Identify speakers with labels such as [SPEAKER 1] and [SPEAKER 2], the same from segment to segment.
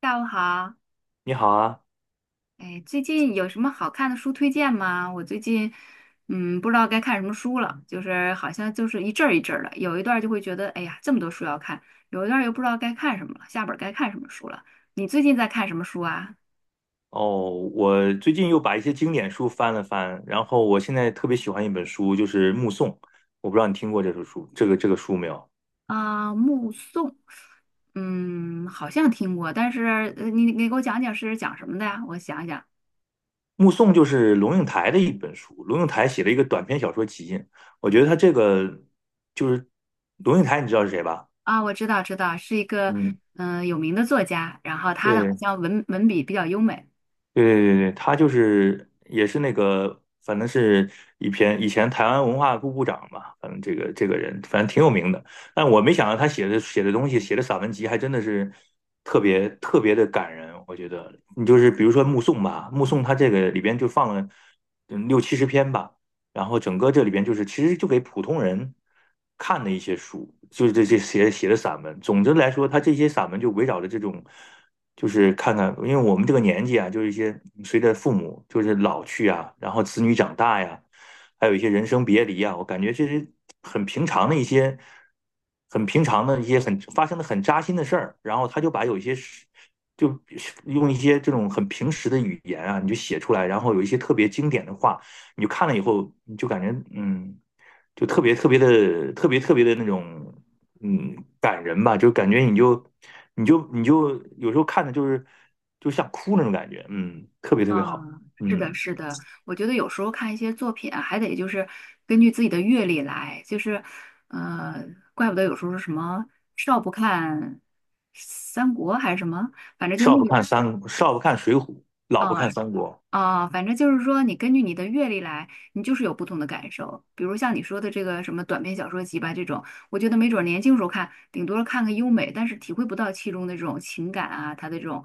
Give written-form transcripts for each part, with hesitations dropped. [SPEAKER 1] 下午好，
[SPEAKER 2] 你好啊，
[SPEAKER 1] 哎，最近有什么好看的书推荐吗？我最近，不知道该看什么书了，就是好像就是一阵儿一阵儿的，有一段儿就会觉得，哎呀，这么多书要看，有一段儿又不知道该看什么了，下本儿该看什么书了。你最近在看什么书啊？
[SPEAKER 2] 哦，我最近又把一些经典书翻了翻，然后我现在特别喜欢一本书，就是《目送》，我不知道你听过这本书，这个书没有？
[SPEAKER 1] 啊，目送，好像听过，但是你给我讲讲是讲什么的呀？我想想
[SPEAKER 2] 《目送》就是龙应台的一本书，龙应台写了一个短篇小说集，我觉得他这个就是龙应台，你知道是谁吧？
[SPEAKER 1] 啊，我知道知道，是一个
[SPEAKER 2] 嗯，
[SPEAKER 1] 有名的作家，然后他的好
[SPEAKER 2] 对，
[SPEAKER 1] 像文笔比较优美。
[SPEAKER 2] 对对对对，他就是也是那个，反正是一篇以前台湾文化部部长嘛，反正这个人反正挺有名的。但我没想到他写的东西，写的散文集还真的是特别特别的感人。我觉得你就是比如说《目送》吧，《目送》他这个里边就放了六七十篇吧，然后整个这里边就是其实就给普通人看的一些书，就是这写的散文。总之来说，他这些散文就围绕着这种。就是看看，因为我们这个年纪啊，就是一些随着父母就是老去啊，然后子女长大呀，还有一些人生别离啊，我感觉这是很平常的一些，很发生的很扎心的事儿，然后他就把有一些事就用一些这种很平时的语言啊，你就写出来，然后有一些特别经典的话，你就看了以后，你就感觉，就特别特别的那种感人吧，就感觉你就。你有时候看的就是就像哭那种感觉，嗯，特别特别好，
[SPEAKER 1] 啊，是的，
[SPEAKER 2] 嗯，
[SPEAKER 1] 是的，我觉得有时候看一些作品啊还得就是根据自己的阅历来，就是，呃，怪不得有时候是什么少不看三国还是什么，反正就那个，
[SPEAKER 2] 少不看水浒，老不
[SPEAKER 1] 啊、
[SPEAKER 2] 看三国，
[SPEAKER 1] 啊，反正就是说，你根据你的阅历来，你就是有不同的感受。比如像你说的这个什么短篇小说集吧，这种，我觉得没准儿年轻时候看，顶多看个优美，但是体会不到其中的这种情感啊，它的这种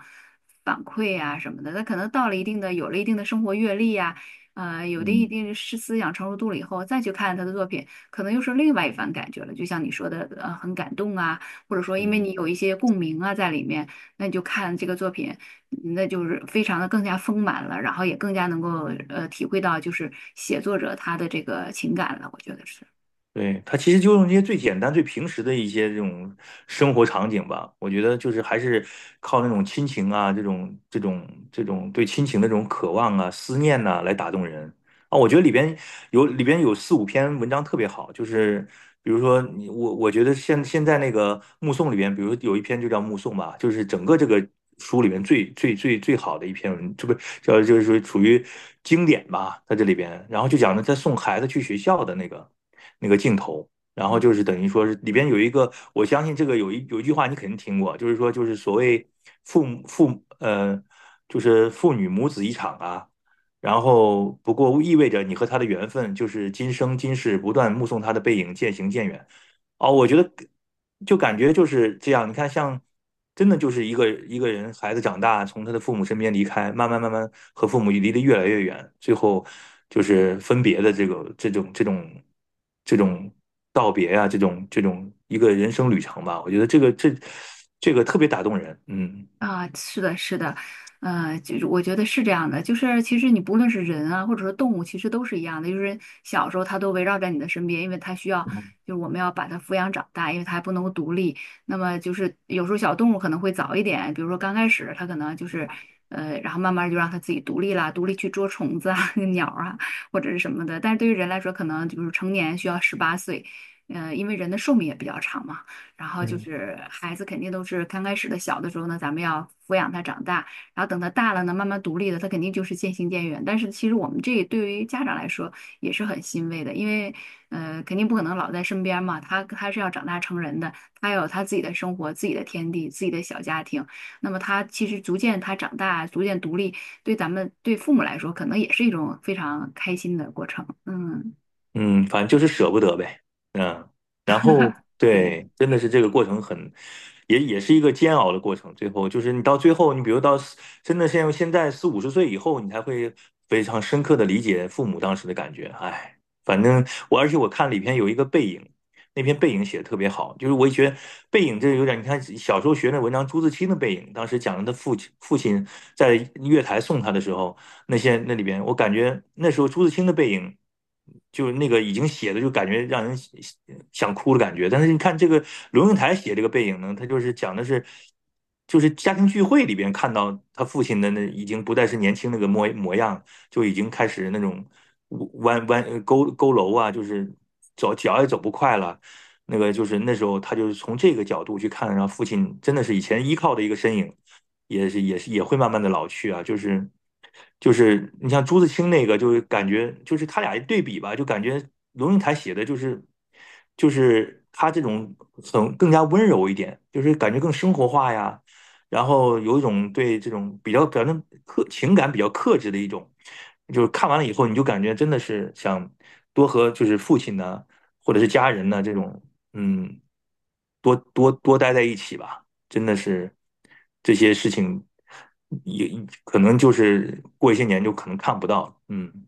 [SPEAKER 1] 反馈啊什么的。那可能到了一定的，有了一定的生活阅历呀、有的一
[SPEAKER 2] 嗯
[SPEAKER 1] 定的是思想成熟度了以后，再去看他的作品，可能又是另外一番感觉了。就像你说的，很感动啊，或者说因为
[SPEAKER 2] 嗯，
[SPEAKER 1] 你有一些共鸣啊在里面。那你就看这个作品，那就是非常的更加丰满了，然后也更加能够体会到就是写作者他的这个情感了，我觉得是。
[SPEAKER 2] 对，他其实就用这些最简单、最平时的一些这种生活场景吧，我觉得就是还是靠那种亲情啊，这种对亲情的这种渴望啊、思念呐、来打动人，啊，我觉得里边有四五篇文章特别好，就是比如说我觉得现在那个目送里边，比如有一篇就叫目送吧，就是整个这个书里面最好的一篇文，这不叫就是说属于经典吧，在这里边，然后就讲了他送孩子去学校的那个镜头。然后就是等于说是里边有一个，我相信这个有一句话你肯定听过，就是所谓父母父母呃，就是父女母子一场啊，然后，不过意味着你和他的缘分就是今生今世不断目送他的背影渐行渐远。哦，我觉得就感觉就是这样。你看，像真的就是一个人孩子长大，从他的父母身边离开，慢慢和父母离得越来越远，最后就是分别的这种道别啊，这种一个人生旅程吧。我觉得这个特别打动人。嗯。
[SPEAKER 1] 啊，是的，是的，就是我觉得是这样的，就是其实你不论是人啊，或者说动物，其实都是一样的，就是小时候它都围绕在你的身边，因为它需要，就是我们要把它抚养长大，因为它还不能够独立。那么就是有时候小动物可能会早一点，比如说刚开始它可能就是，然后慢慢就让它自己独立啦，独立去捉虫子啊、鸟儿啊或者是什么的。但是对于人来说，可能就是成年需要18岁，因为人的寿命也比较长嘛。然后就
[SPEAKER 2] 嗯。
[SPEAKER 1] 是孩子肯定都是刚开始的小的时候呢，咱们要抚养他长大，然后等他大了呢，慢慢独立了，他肯定就是渐行渐远。但是其实我们这对于家长来说也是很欣慰的，因为肯定不可能老在身边嘛，他是要长大成人的，他有他自己的生活、自己的天地、自己的小家庭。那么他其实逐渐他长大，逐渐独立，对咱们对父母来说，可能也是一种非常开心的过程。嗯，
[SPEAKER 2] 嗯，反正就是舍不得呗，嗯，然后
[SPEAKER 1] 对。
[SPEAKER 2] 对，真的是这个过程很，也是一个煎熬的过程。最后就是你到最后，你比如真的现在四五十岁以后，你才会非常深刻的理解父母当时的感觉。哎，反正而且我看里边有一个背影，那篇《背影》写的特别好，就是我也觉得《背影》这有点，你看小时候学那文章，朱自清的《背影》，当时讲的他父亲在月台送他的时候，那些那里边，我感觉那时候朱自清的《背影》，就是那个已经写的就感觉让人想哭的感觉，但是你看这个龙应台写这个《背影》呢，他就是讲的是。就是家庭聚会里边看到他父亲的那已经不再是年轻那个模样，就已经开始那种弯弯呃勾勾佝偻啊，就是走脚也走不快了，那个就是那时候他就是从这个角度去看，然后父亲真的是以前依靠的一个身影，也会慢慢的老去啊，就是就是你像朱自清那个，就是感觉就是他俩一对比吧，就感觉龙应台写的就是他这种很更加温柔一点，就是感觉更生活化呀，然后有一种对这种比较表现克情感比较克制的一种。就是看完了以后，你就感觉真的是想多和就是父亲呢，或者是家人呢这种嗯，多多待在一起吧，真的是这些事情也可能就是过一些年就可能看不到了。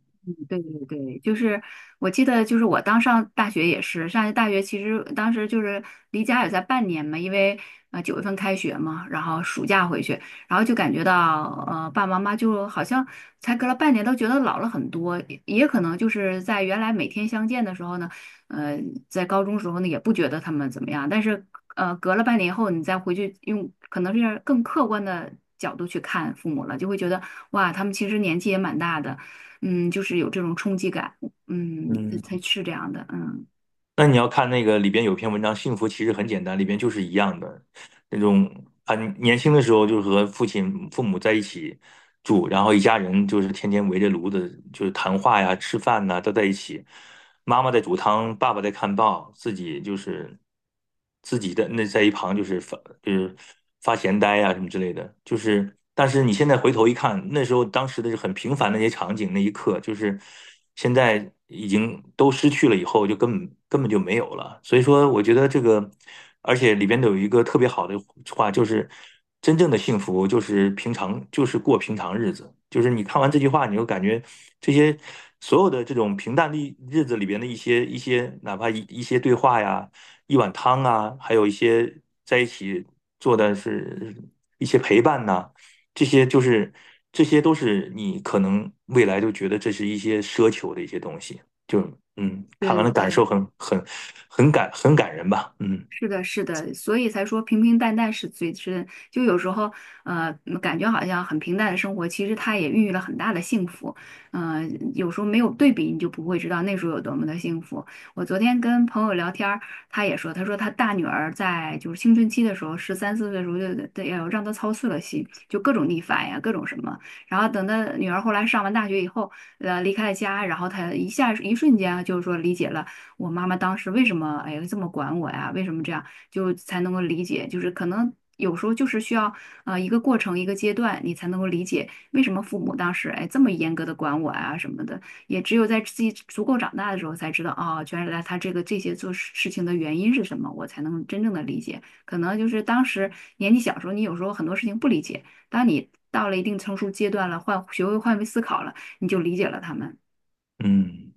[SPEAKER 1] 对对对，就是我记得，就是我当上大学也是，上大学其实当时就是离家也在半年嘛，因为九月份开学嘛，然后暑假回去，然后就感觉到爸爸妈妈就好像才隔了半年都觉得老了很多，也可能就是在原来每天相见的时候呢，呃在高中时候呢也不觉得他们怎么样，但是隔了半年以后你再回去用可能是更客观的角度去看父母了，就会觉得哇他们其实年纪也蛮大的。嗯，就是有这种冲击感，嗯，才
[SPEAKER 2] 嗯，
[SPEAKER 1] 是这样的，嗯，
[SPEAKER 2] 那你要看那个里边有篇文章《幸福其实很简单》，里边就是一样的那种很年轻的时候就是和父亲、父母在一起住，然后一家人就是天天围着炉子就是谈话呀、吃饭呐，都在一起。妈妈在煮汤，爸爸在看报，自己就是自己的那在一旁就是发闲呆啊什么之类的，就是但是你现在回头一看，那时候当时的是很平凡的那些场景，那一刻就是现在已经都失去了，以后就根本就没有了。所以说，我觉得这个，而且里边都有一个特别好的话，就是。真正的幸福就是平常，就是过平常日子。就是你看完这句话，你就感觉这些所有的这种平淡的日子里边的一些，哪怕一些对话呀，一碗汤啊，还有一些在一起做的是一些陪伴呐、这些就是这些都是你可能未来就觉得这是一些奢求的一些东西。就
[SPEAKER 1] 对
[SPEAKER 2] 看完
[SPEAKER 1] 对
[SPEAKER 2] 了感
[SPEAKER 1] 对。
[SPEAKER 2] 受很感人吧，嗯
[SPEAKER 1] 是的，是的，所以才说平平淡淡是最真。就有时候，感觉好像很平淡的生活，其实它也孕育了很大的幸福。呃，有时候没有对比，你就不会知道那时候有多么的幸福。我昨天跟朋友聊天儿，他也说，他说他大女儿在就是青春期的时候，十三四岁的时候就得要让她操碎了心，就各种逆反呀，各种什么。然后等他女儿后来上完大学以后，离开了家，然后他一下一瞬间啊就是说理解了。我妈妈当时为什么哎这么管我呀？为什么这样？就才能够理解，就是可能有时候就是需要一个过程一个阶段，你才能够理解为什么父母当时哎这么严格的管我呀什么的。也只有在自己足够长大的时候才知道啊，原来他这些事情的原因是什么，我才能真正的理解。可能就是当时年纪小时候，你有时候很多事情不理解，当你到了一定成熟阶段了，换学会换位思考了，你就理解了他们。
[SPEAKER 2] 嗯。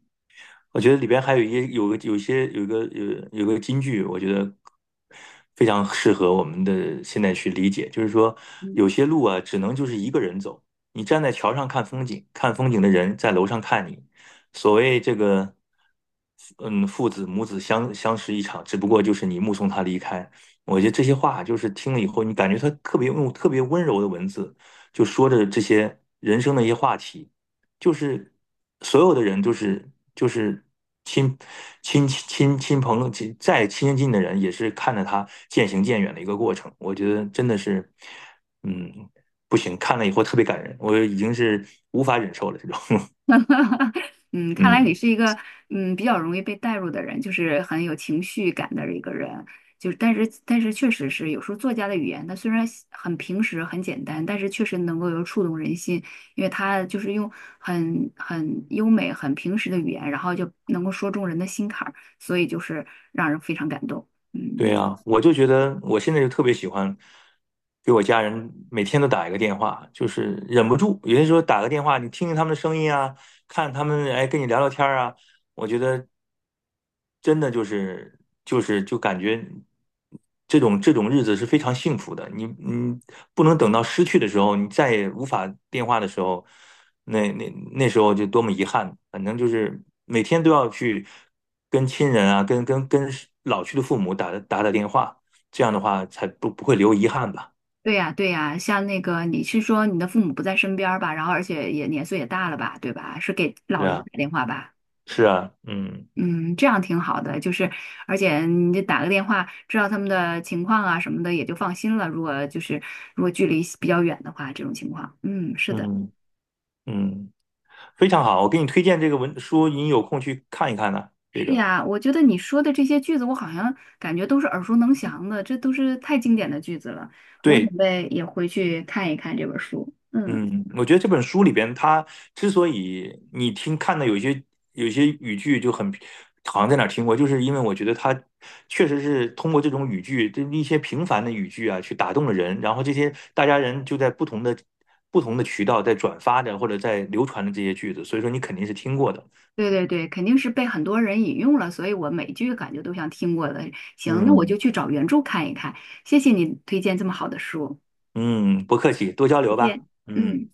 [SPEAKER 2] 我觉得里边还有一些有个有一些有一个有有个金句，我觉得非常适合我们的现在去理解，就是说有
[SPEAKER 1] 嗯
[SPEAKER 2] 些路啊，只能就是一个人走。你站在桥上看风景，看风景的人在楼上看你。所谓这个，嗯，父子母子相识一场，只不过就是你目送他离开。我觉得这些话就是听了以后，你感觉他特别用特别温柔的文字，就说着这些人生的一些话题。就是所有的人就是亲亲亲亲朋友亲近的人，也是看着他渐行渐远的一个过程。我觉得真的是，嗯，不行，看了以后特别感人，我已经是无法忍受了这种，
[SPEAKER 1] 嗯，看来你
[SPEAKER 2] 嗯。
[SPEAKER 1] 是一个比较容易被带入的人，就是很有情绪感的一个人。就是，但是确实是有时候作家的语言，他虽然很平实很简单，但是确实能够有触动人心，因为他就是用很优美、很平实的语言，然后就能够说中人的心坎儿，所以就是让人非常感动。
[SPEAKER 2] 对
[SPEAKER 1] 嗯，
[SPEAKER 2] 呀，我就觉得我现在就特别喜欢给我家人每天都打一个电话，就是忍不住。有些时候打个电话，你听听他们的声音啊，看他们哎跟你聊聊天儿啊，我觉得真的就是就是就感觉这种日子是非常幸福的。你不能等到失去的时候，你再也无法电话的时候，那那那时候就多么遗憾。反正就是每天都要去跟亲人啊，跟老去的父母打电话，这样的话才不会留遗憾吧？
[SPEAKER 1] 对呀对呀，像那个你是说你的父母不在身边儿吧，然后而且也年岁也大了吧，对吧？是给老
[SPEAKER 2] 对
[SPEAKER 1] 人
[SPEAKER 2] 啊，
[SPEAKER 1] 打电话吧？
[SPEAKER 2] 是啊，嗯
[SPEAKER 1] 嗯，这样挺好的，就是而且你就打个电话，知道他们的情况啊什么的，也就放心了。如果就是如果距离比较远的话，这种情况，嗯，是的，
[SPEAKER 2] 嗯嗯，非常好，我给你推荐这个文书，你有空去看一看呢、这
[SPEAKER 1] 是
[SPEAKER 2] 个
[SPEAKER 1] 呀，我觉得你说的这些句子，我好像感觉都是耳熟能详的，这都是太经典的句子了。我
[SPEAKER 2] 对，
[SPEAKER 1] 准备也回去看一看这本书。嗯，
[SPEAKER 2] 嗯，我觉得这本书里边，它之所以你看的有一些语句就很，好像在哪儿听过，就是因为我觉得它确实是通过这种语句，就是一些平凡的语句啊，去打动了人，然后这些大家人就在不同的渠道在转发着或者在流传着这些句子，所以说你肯定是听过的。
[SPEAKER 1] 对对对，肯定是被很多人引用了，所以我每句感觉都像听过的。行，那我就
[SPEAKER 2] 嗯
[SPEAKER 1] 去找原著看一看。谢谢你推荐这么好的书，
[SPEAKER 2] 嗯，不客气，多交
[SPEAKER 1] 再
[SPEAKER 2] 流吧。
[SPEAKER 1] 见。
[SPEAKER 2] 嗯。
[SPEAKER 1] 嗯。